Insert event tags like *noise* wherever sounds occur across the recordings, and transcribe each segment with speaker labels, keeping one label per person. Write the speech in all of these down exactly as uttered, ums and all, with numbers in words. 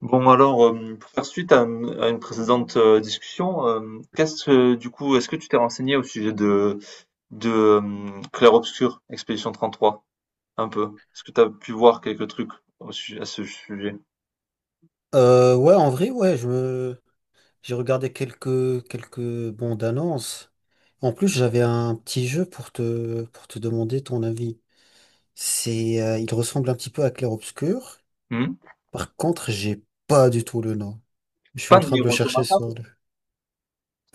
Speaker 1: Bon alors, hem, pour faire suite à, hem, à une précédente, heu, discussion, hem, qu'est-ce, heu, du coup, est-ce que tu t'es renseigné au sujet de de, hem, Clair Obscur, Expédition trente-trois? Un peu. Est-ce que tu as pu voir quelques trucs au su à ce sujet?
Speaker 2: Euh, ouais, en vrai, ouais, je me- j'ai regardé quelques quelques bandes annonces. En plus, j'avais un petit jeu pour te pour te demander ton avis. C'est, euh, il ressemble un petit peu à Clair Obscur.
Speaker 1: Mmh?
Speaker 2: Par contre, j'ai pas du tout le nom. Je
Speaker 1: C'est
Speaker 2: suis
Speaker 1: pas
Speaker 2: en train
Speaker 1: Nier
Speaker 2: de le chercher
Speaker 1: Automata?
Speaker 2: sur le.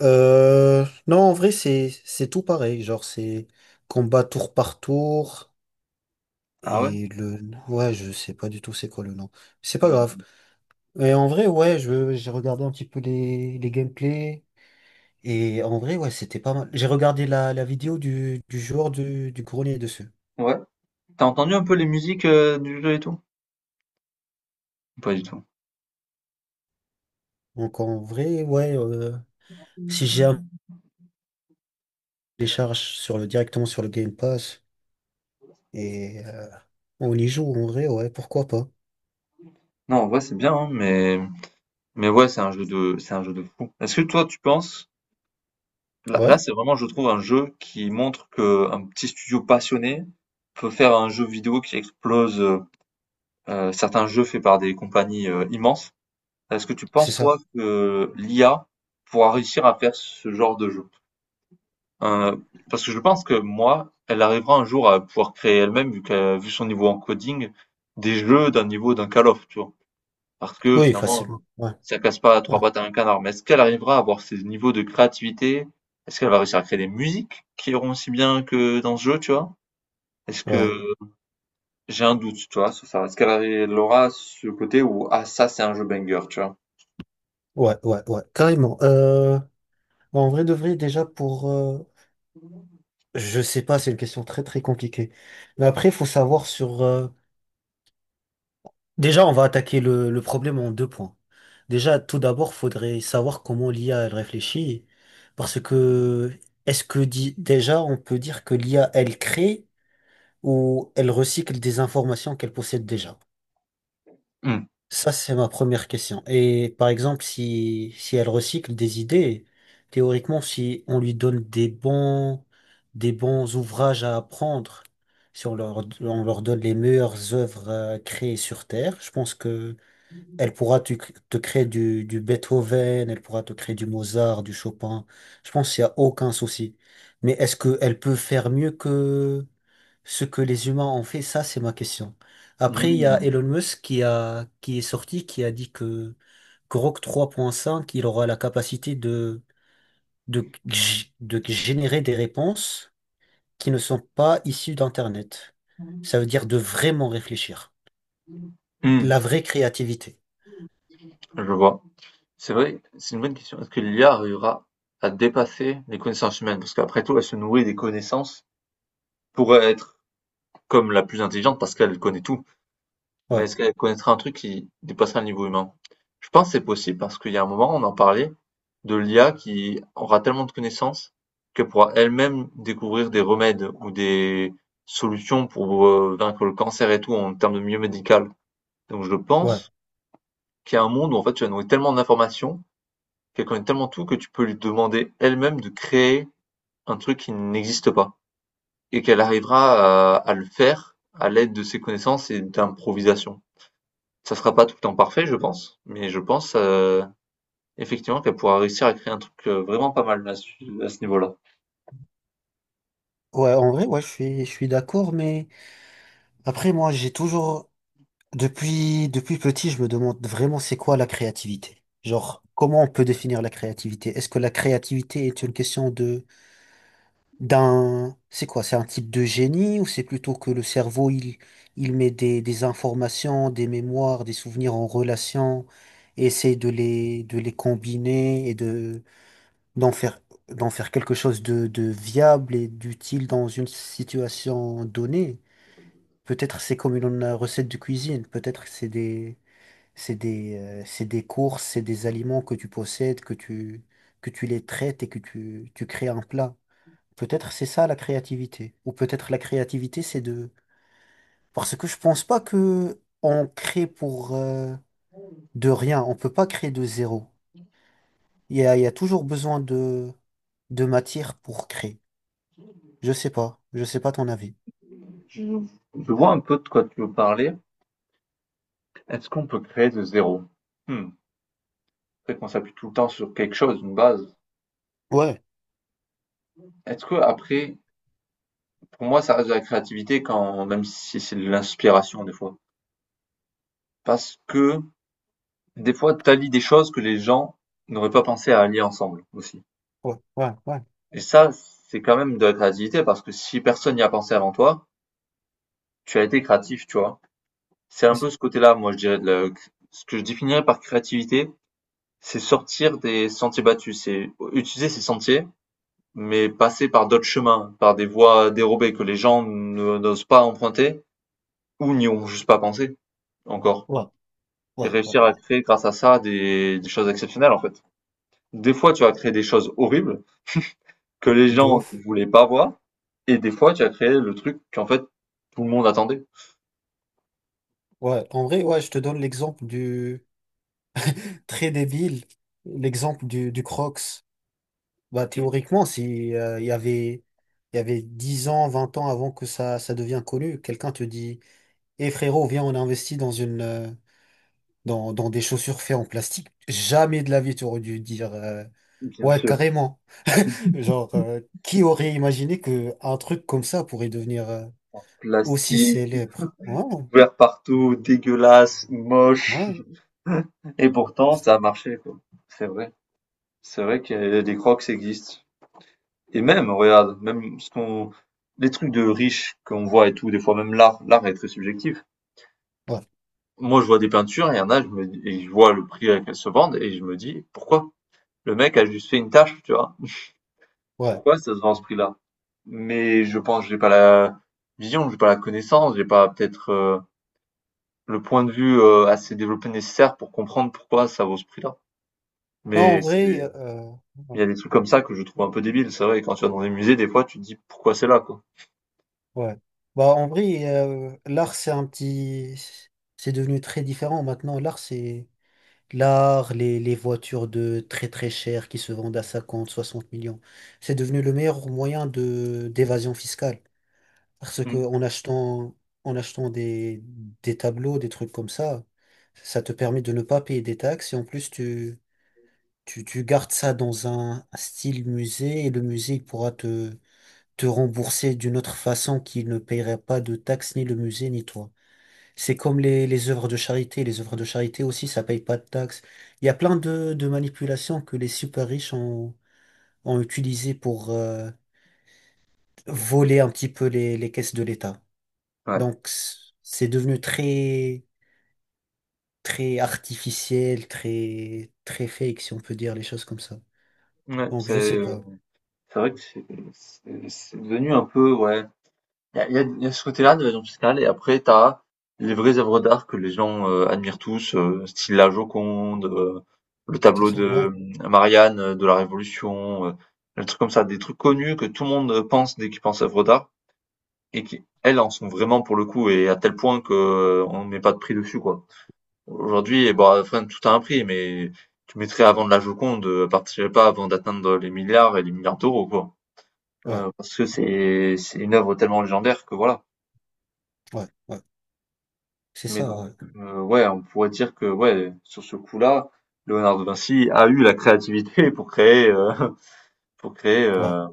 Speaker 2: Euh, non, en vrai, c'est c'est tout pareil. Genre, c'est combat tour par tour.
Speaker 1: Ah ouais?
Speaker 2: Et le, ouais, je sais pas du tout c'est quoi le nom. C'est pas grave.
Speaker 1: Mmh.
Speaker 2: Mais en vrai, ouais, je j'ai regardé un petit peu les les gameplays. Et en vrai, ouais, c'était pas mal. J'ai regardé la, la vidéo du, du joueur du, du grenier dessus.
Speaker 1: Ouais. T'as entendu un peu les musiques, heu, du jeu et tout? Pas du tout.
Speaker 2: Donc en vrai, ouais, euh, si j'ai un télécharge sur le, directement sur le Game Pass et euh, on y joue en vrai, ouais, pourquoi pas.
Speaker 1: Non, en vrai, c'est bien, hein, mais mais ouais, c'est un jeu de c'est un jeu de fou. Est-ce que toi, tu penses? Là, là,
Speaker 2: Ouais,
Speaker 1: c'est vraiment, je trouve, un jeu qui montre que un petit studio passionné peut faire un jeu vidéo qui explose euh, euh, certains jeux faits par des compagnies euh, immenses. Est-ce que tu
Speaker 2: c'est
Speaker 1: penses,
Speaker 2: ça.
Speaker 1: toi, que l'I A pourra réussir à faire ce genre de jeu? Euh, Parce que je pense que moi, elle arrivera un jour à pouvoir créer elle-même, vu qu'elle, vu son niveau en coding, des jeux d'un niveau d'un Call of, tu vois. Parce que
Speaker 2: Oui,
Speaker 1: finalement,
Speaker 2: facilement. Ouais,
Speaker 1: ça casse pas
Speaker 2: ouais,
Speaker 1: trois pattes à un canard. Mais est-ce qu'elle arrivera à avoir ces niveaux de créativité? Est-ce qu'elle va réussir à créer des musiques qui iront aussi bien que dans ce jeu, tu vois? Est-ce
Speaker 2: ouais,
Speaker 1: que j'ai un doute, tu vois, sur ça? Est-ce qu'elle arri- elle aura ce côté où, ah, ça, c'est un jeu banger, tu vois?
Speaker 2: ouais, ouais, ouais, carrément. Euh, bah, en vrai de vrai, déjà pour. Euh, je sais pas, c'est une question très très compliquée. Mais après, il faut savoir sur. Euh, Déjà, on va attaquer le, le problème en deux points. Déjà, tout d'abord, faudrait savoir comment l'I A elle réfléchit, parce que est-ce que di- déjà on peut dire que l'I A elle crée ou elle recycle des informations qu'elle possède déjà?
Speaker 1: Hmm.
Speaker 2: Ça, c'est ma première question. Et par exemple, si si elle recycle des idées, théoriquement, si on lui donne des bons des bons ouvrages à apprendre, si on leur on leur donne les meilleures œuvres euh, créées sur Terre, je pense que elle pourra te, te créer du, du Beethoven, elle pourra te créer du Mozart, du Chopin. Je pense qu'il n'y a aucun souci. Mais est-ce qu'elle peut faire mieux que ce que les humains ont fait? Ça, c'est ma question. Après, il y a
Speaker 1: Hmm.
Speaker 2: Elon Musk qui a, qui est sorti, qui a dit que, que Grok trois point cinq, il aura la capacité de, de, g- de générer des réponses qui ne sont pas issues d'Internet. Ça veut dire de vraiment réfléchir.
Speaker 1: Hmm.
Speaker 2: La vraie créativité.
Speaker 1: Je vois. C'est vrai, c'est une bonne question. Est-ce que l'I A arrivera à dépasser les connaissances humaines? Parce qu'après tout, elle se nourrit des connaissances pour être comme la plus intelligente parce qu'elle connaît tout. Mais
Speaker 2: Ouais,
Speaker 1: est-ce qu'elle connaîtrait un truc qui dépasserait le niveau humain? Je pense que c'est possible parce qu'il y a un moment, on en parlait de l'I A qui aura tellement de connaissances qu'elle pourra elle-même découvrir des remèdes ou des solutions pour euh, vaincre le cancer et tout en termes de milieu médical. Donc je
Speaker 2: ouais.
Speaker 1: pense qu'il y a un monde où en fait tu as nourrir tellement d'informations, qu'elle connaît tellement tout que tu peux lui demander elle-même de créer un truc qui n'existe pas et qu'elle arrivera à, à le faire à l'aide de ses connaissances et d'improvisation. Ça sera pas tout le temps parfait, je pense, mais je pense, heu, effectivement qu'elle pourra réussir à créer un truc, heu, vraiment pas mal à ce à ce niveau-là.
Speaker 2: Ouais, en vrai, ouais, je suis, je suis d'accord, mais après, moi, j'ai toujours, depuis, depuis petit, je me demande vraiment c'est quoi la créativité. Genre, comment on peut définir la créativité? Est-ce que la créativité est une question de, d'un, c'est quoi? C'est un type de génie ou c'est plutôt que le cerveau, il, il met des, des informations, des mémoires, des souvenirs en relation et essaie de les, de les combiner et de, d'en faire, d'en faire quelque chose de, de viable et d'utile dans une situation donnée? Peut-être c'est comme une euh, recette de cuisine, peut-être c'est des, c'est des, euh, c'est des courses, c'est des aliments que tu possèdes, que tu, que tu les traites et que tu, tu crées un plat. Peut-être c'est ça la créativité. Ou peut-être la créativité c'est de… Parce que je pense pas que on crée pour euh, de rien, on peut pas créer de zéro. Il y a, il y a toujours besoin de, de matière pour créer. Je sais pas, je sais pas ton avis.
Speaker 1: Je vois un peu de quoi tu veux parler. Est-ce qu'on peut créer de zéro? Mmh, après qu'on s'appuie tout le temps sur quelque chose, une base.
Speaker 2: Ouais,
Speaker 1: Est-ce que après, pour moi, ça reste de la créativité quand même si c'est de l'inspiration des fois. Parce que des fois tu allies des choses que les gens n'auraient pas pensé à allier ensemble aussi.
Speaker 2: ouais, ouais, ouais,
Speaker 1: Et ça, c'est quand même de la créativité parce que si personne n'y a pensé avant toi, tu as été créatif, tu vois? C'est
Speaker 2: c'est
Speaker 1: un peu
Speaker 2: ça.
Speaker 1: ce côté-là, moi, je dirais de la ce que je définirais par créativité, c'est sortir des sentiers battus, c'est utiliser ces sentiers, mais passer par d'autres chemins, par des voies dérobées que les gens ne n'osent pas emprunter ou n'y ont juste pas pensé encore.
Speaker 2: Ouais,
Speaker 1: Et
Speaker 2: ouais, ouais,
Speaker 1: réussir à
Speaker 2: ouais.
Speaker 1: créer grâce à ça des, des choses exceptionnelles en fait. Des fois, tu vas créer des choses horribles que les
Speaker 2: De
Speaker 1: gens ne
Speaker 2: ouf.
Speaker 1: voulaient pas voir, et des fois, tu as créé le truc qu'en fait tout le monde attendait.
Speaker 2: Ouais, en vrai, ouais, je te donne l'exemple du très débile, l'exemple du, du Crocs. Bah, théoriquement, si euh, il y avait, il y avait dix ans, vingt ans avant que ça, ça devienne connu, quelqu'un te dit, eh frérot, viens, on investit dans une, euh, dans, dans des chaussures faites en plastique. Jamais de la vie, tu aurais dû dire, euh,
Speaker 1: Bien
Speaker 2: ouais,
Speaker 1: sûr,
Speaker 2: carrément. *laughs* Genre, euh, qui aurait imaginé que un truc comme ça pourrait devenir euh, aussi
Speaker 1: plastique,
Speaker 2: célèbre? Ouais,
Speaker 1: ouvert partout, dégueulasse, moche.
Speaker 2: ouais,
Speaker 1: Et pourtant, ça a marché, quoi. C'est vrai. C'est vrai que des Crocs existent. Et même, regarde, même ce qu'on, les trucs de riches qu'on voit et tout, des fois même l'art, l'art est très subjectif.
Speaker 2: ouais,
Speaker 1: Moi, je vois des peintures, et il y en a, je me, et je vois le prix à qu'elles se vendent, et je me dis, pourquoi? Le mec a juste fait une tâche, tu vois.
Speaker 2: ouais.
Speaker 1: Pourquoi ça se vend à ce prix-là? Mais je pense, que j'ai pas la vision, j'ai pas la connaissance, j'ai pas peut-être euh, le point de vue euh, assez développé nécessaire pour comprendre pourquoi ça vaut ce prix-là.
Speaker 2: Non, en
Speaker 1: Mais
Speaker 2: vrai, euh,
Speaker 1: c'est,
Speaker 2: euh, ouais.
Speaker 1: il y a des trucs comme ça que je trouve un peu débiles. C'est vrai, quand tu vas dans des musées, des fois, tu te dis pourquoi c'est là, quoi.
Speaker 2: Ouais. Bah, en vrai, euh, l'art, c'est un petit. C'est devenu très différent maintenant. L'art, c'est. L'art, les, les voitures de très très chères qui se vendent à cinquante soixante millions. C'est devenu le meilleur moyen de d'évasion fiscale. Parce que
Speaker 1: Mm.
Speaker 2: en achetant, en achetant des, des tableaux, des trucs comme ça, ça te permet de ne pas payer des taxes. Et en plus, tu, tu, tu gardes ça dans un style musée et le musée, il pourra te, te rembourser d'une autre façon qui ne paierait pas de taxes, ni le musée, ni toi. C'est comme les, les œuvres de charité. Les œuvres de charité aussi, ça paye pas de taxes. Il y a plein de, de manipulations que les super riches ont, ont utilisées pour euh, voler un petit peu les, les caisses de l'État.
Speaker 1: Ouais,
Speaker 2: Donc, c- c'est devenu très, très artificiel, très, très fake, si on peut dire les choses comme ça.
Speaker 1: ouais,
Speaker 2: Donc, je
Speaker 1: c'est
Speaker 2: sais
Speaker 1: euh,
Speaker 2: pas.
Speaker 1: c'est vrai que c'est c'est- c'est devenu un peu, ouais. Il y a, il y a- il y a ce côté-là de l'évasion fiscale, et après, t'as les vraies œuvres d'art que les gens euh, admirent tous, euh, style la Joconde, euh, le
Speaker 2: C'est
Speaker 1: tableau
Speaker 2: ça?
Speaker 1: de
Speaker 2: Ouais,
Speaker 1: euh, Marianne euh, de la Révolution, euh, des trucs comme ça, des trucs connus que tout le monde pense dès qu'il pense œuvres d'art, et qui, elles, en sont vraiment pour le coup, et à tel point que euh, on met pas de prix dessus, quoi. Aujourd'hui, bon, enfin, tout a un prix, mais tu mettrais avant de la Joconde, euh, partirais pas avant d'atteindre les milliards et les milliards d'euros, quoi.
Speaker 2: ouais,
Speaker 1: Euh, parce que c'est c'est une œuvre tellement légendaire que voilà.
Speaker 2: ouais, ouais. C'est
Speaker 1: Mais
Speaker 2: ça,
Speaker 1: donc,
Speaker 2: ouais.
Speaker 1: euh, ouais, on pourrait dire que ouais, sur ce coup-là, Léonard de Vinci a eu la créativité *laughs* pour créer euh, pour créer
Speaker 2: Ouais.
Speaker 1: euh,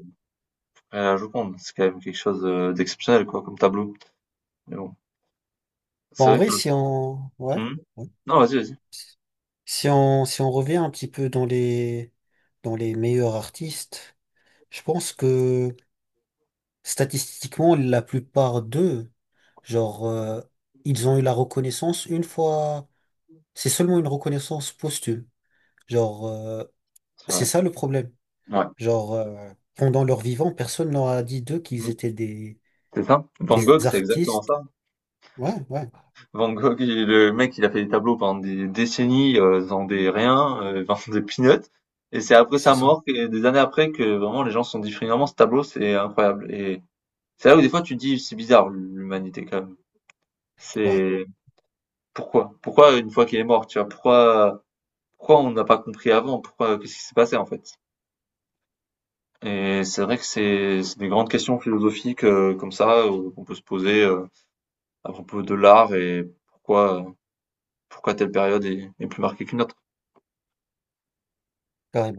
Speaker 1: la Joconde. C'est quand même quelque chose euh, d'exceptionnel, quoi, comme tableau. Mais bon,
Speaker 2: Bon,
Speaker 1: c'est
Speaker 2: en
Speaker 1: vrai
Speaker 2: vrai,
Speaker 1: que.
Speaker 2: si on… Ouais.
Speaker 1: Hmm.
Speaker 2: Ouais.
Speaker 1: Non, vas-y, vas-y.
Speaker 2: Si on, si on revient un petit peu dans les, dans les meilleurs artistes, je pense que statistiquement, la plupart d'eux, genre, euh, ils ont eu la reconnaissance une fois. C'est seulement une reconnaissance posthume. Genre, euh,
Speaker 1: C'est
Speaker 2: c'est
Speaker 1: vrai.
Speaker 2: ça le problème.
Speaker 1: Ouais.
Speaker 2: Genre, euh, pendant leur vivant, personne leur a dit d'eux qu'ils
Speaker 1: Hmm.
Speaker 2: étaient des,
Speaker 1: C'est ça. Van
Speaker 2: des
Speaker 1: Gogh, c'est exactement
Speaker 2: artistes.
Speaker 1: ça.
Speaker 2: Ouais, ouais,
Speaker 1: Van Gogh, il- le mec, il a fait des tableaux pendant des décennies, euh, dans des riens, euh, *laughs* dans des peanuts. Et c'est après
Speaker 2: c'est
Speaker 1: sa
Speaker 2: ça.
Speaker 1: mort, que- des années après, que vraiment les gens se sont dit finalement ce tableau, c'est incroyable. Et c'est là où des fois tu te dis c'est bizarre l'humanité quand même.
Speaker 2: Ouais,
Speaker 1: C'est Pourquoi? Pourquoi une fois qu'il est mort, tu vois? Pourquoi, pourquoi on n'a pas compris avant? Pourquoi, qu'est-ce qui s'est passé en fait? Et c'est vrai que c'est c'est des grandes questions philosophiques euh, comme ça euh, qu'on peut se poser euh, à propos de l'art et pourquoi pourquoi telle période est, est plus marquée qu'une autre.
Speaker 2: carrément.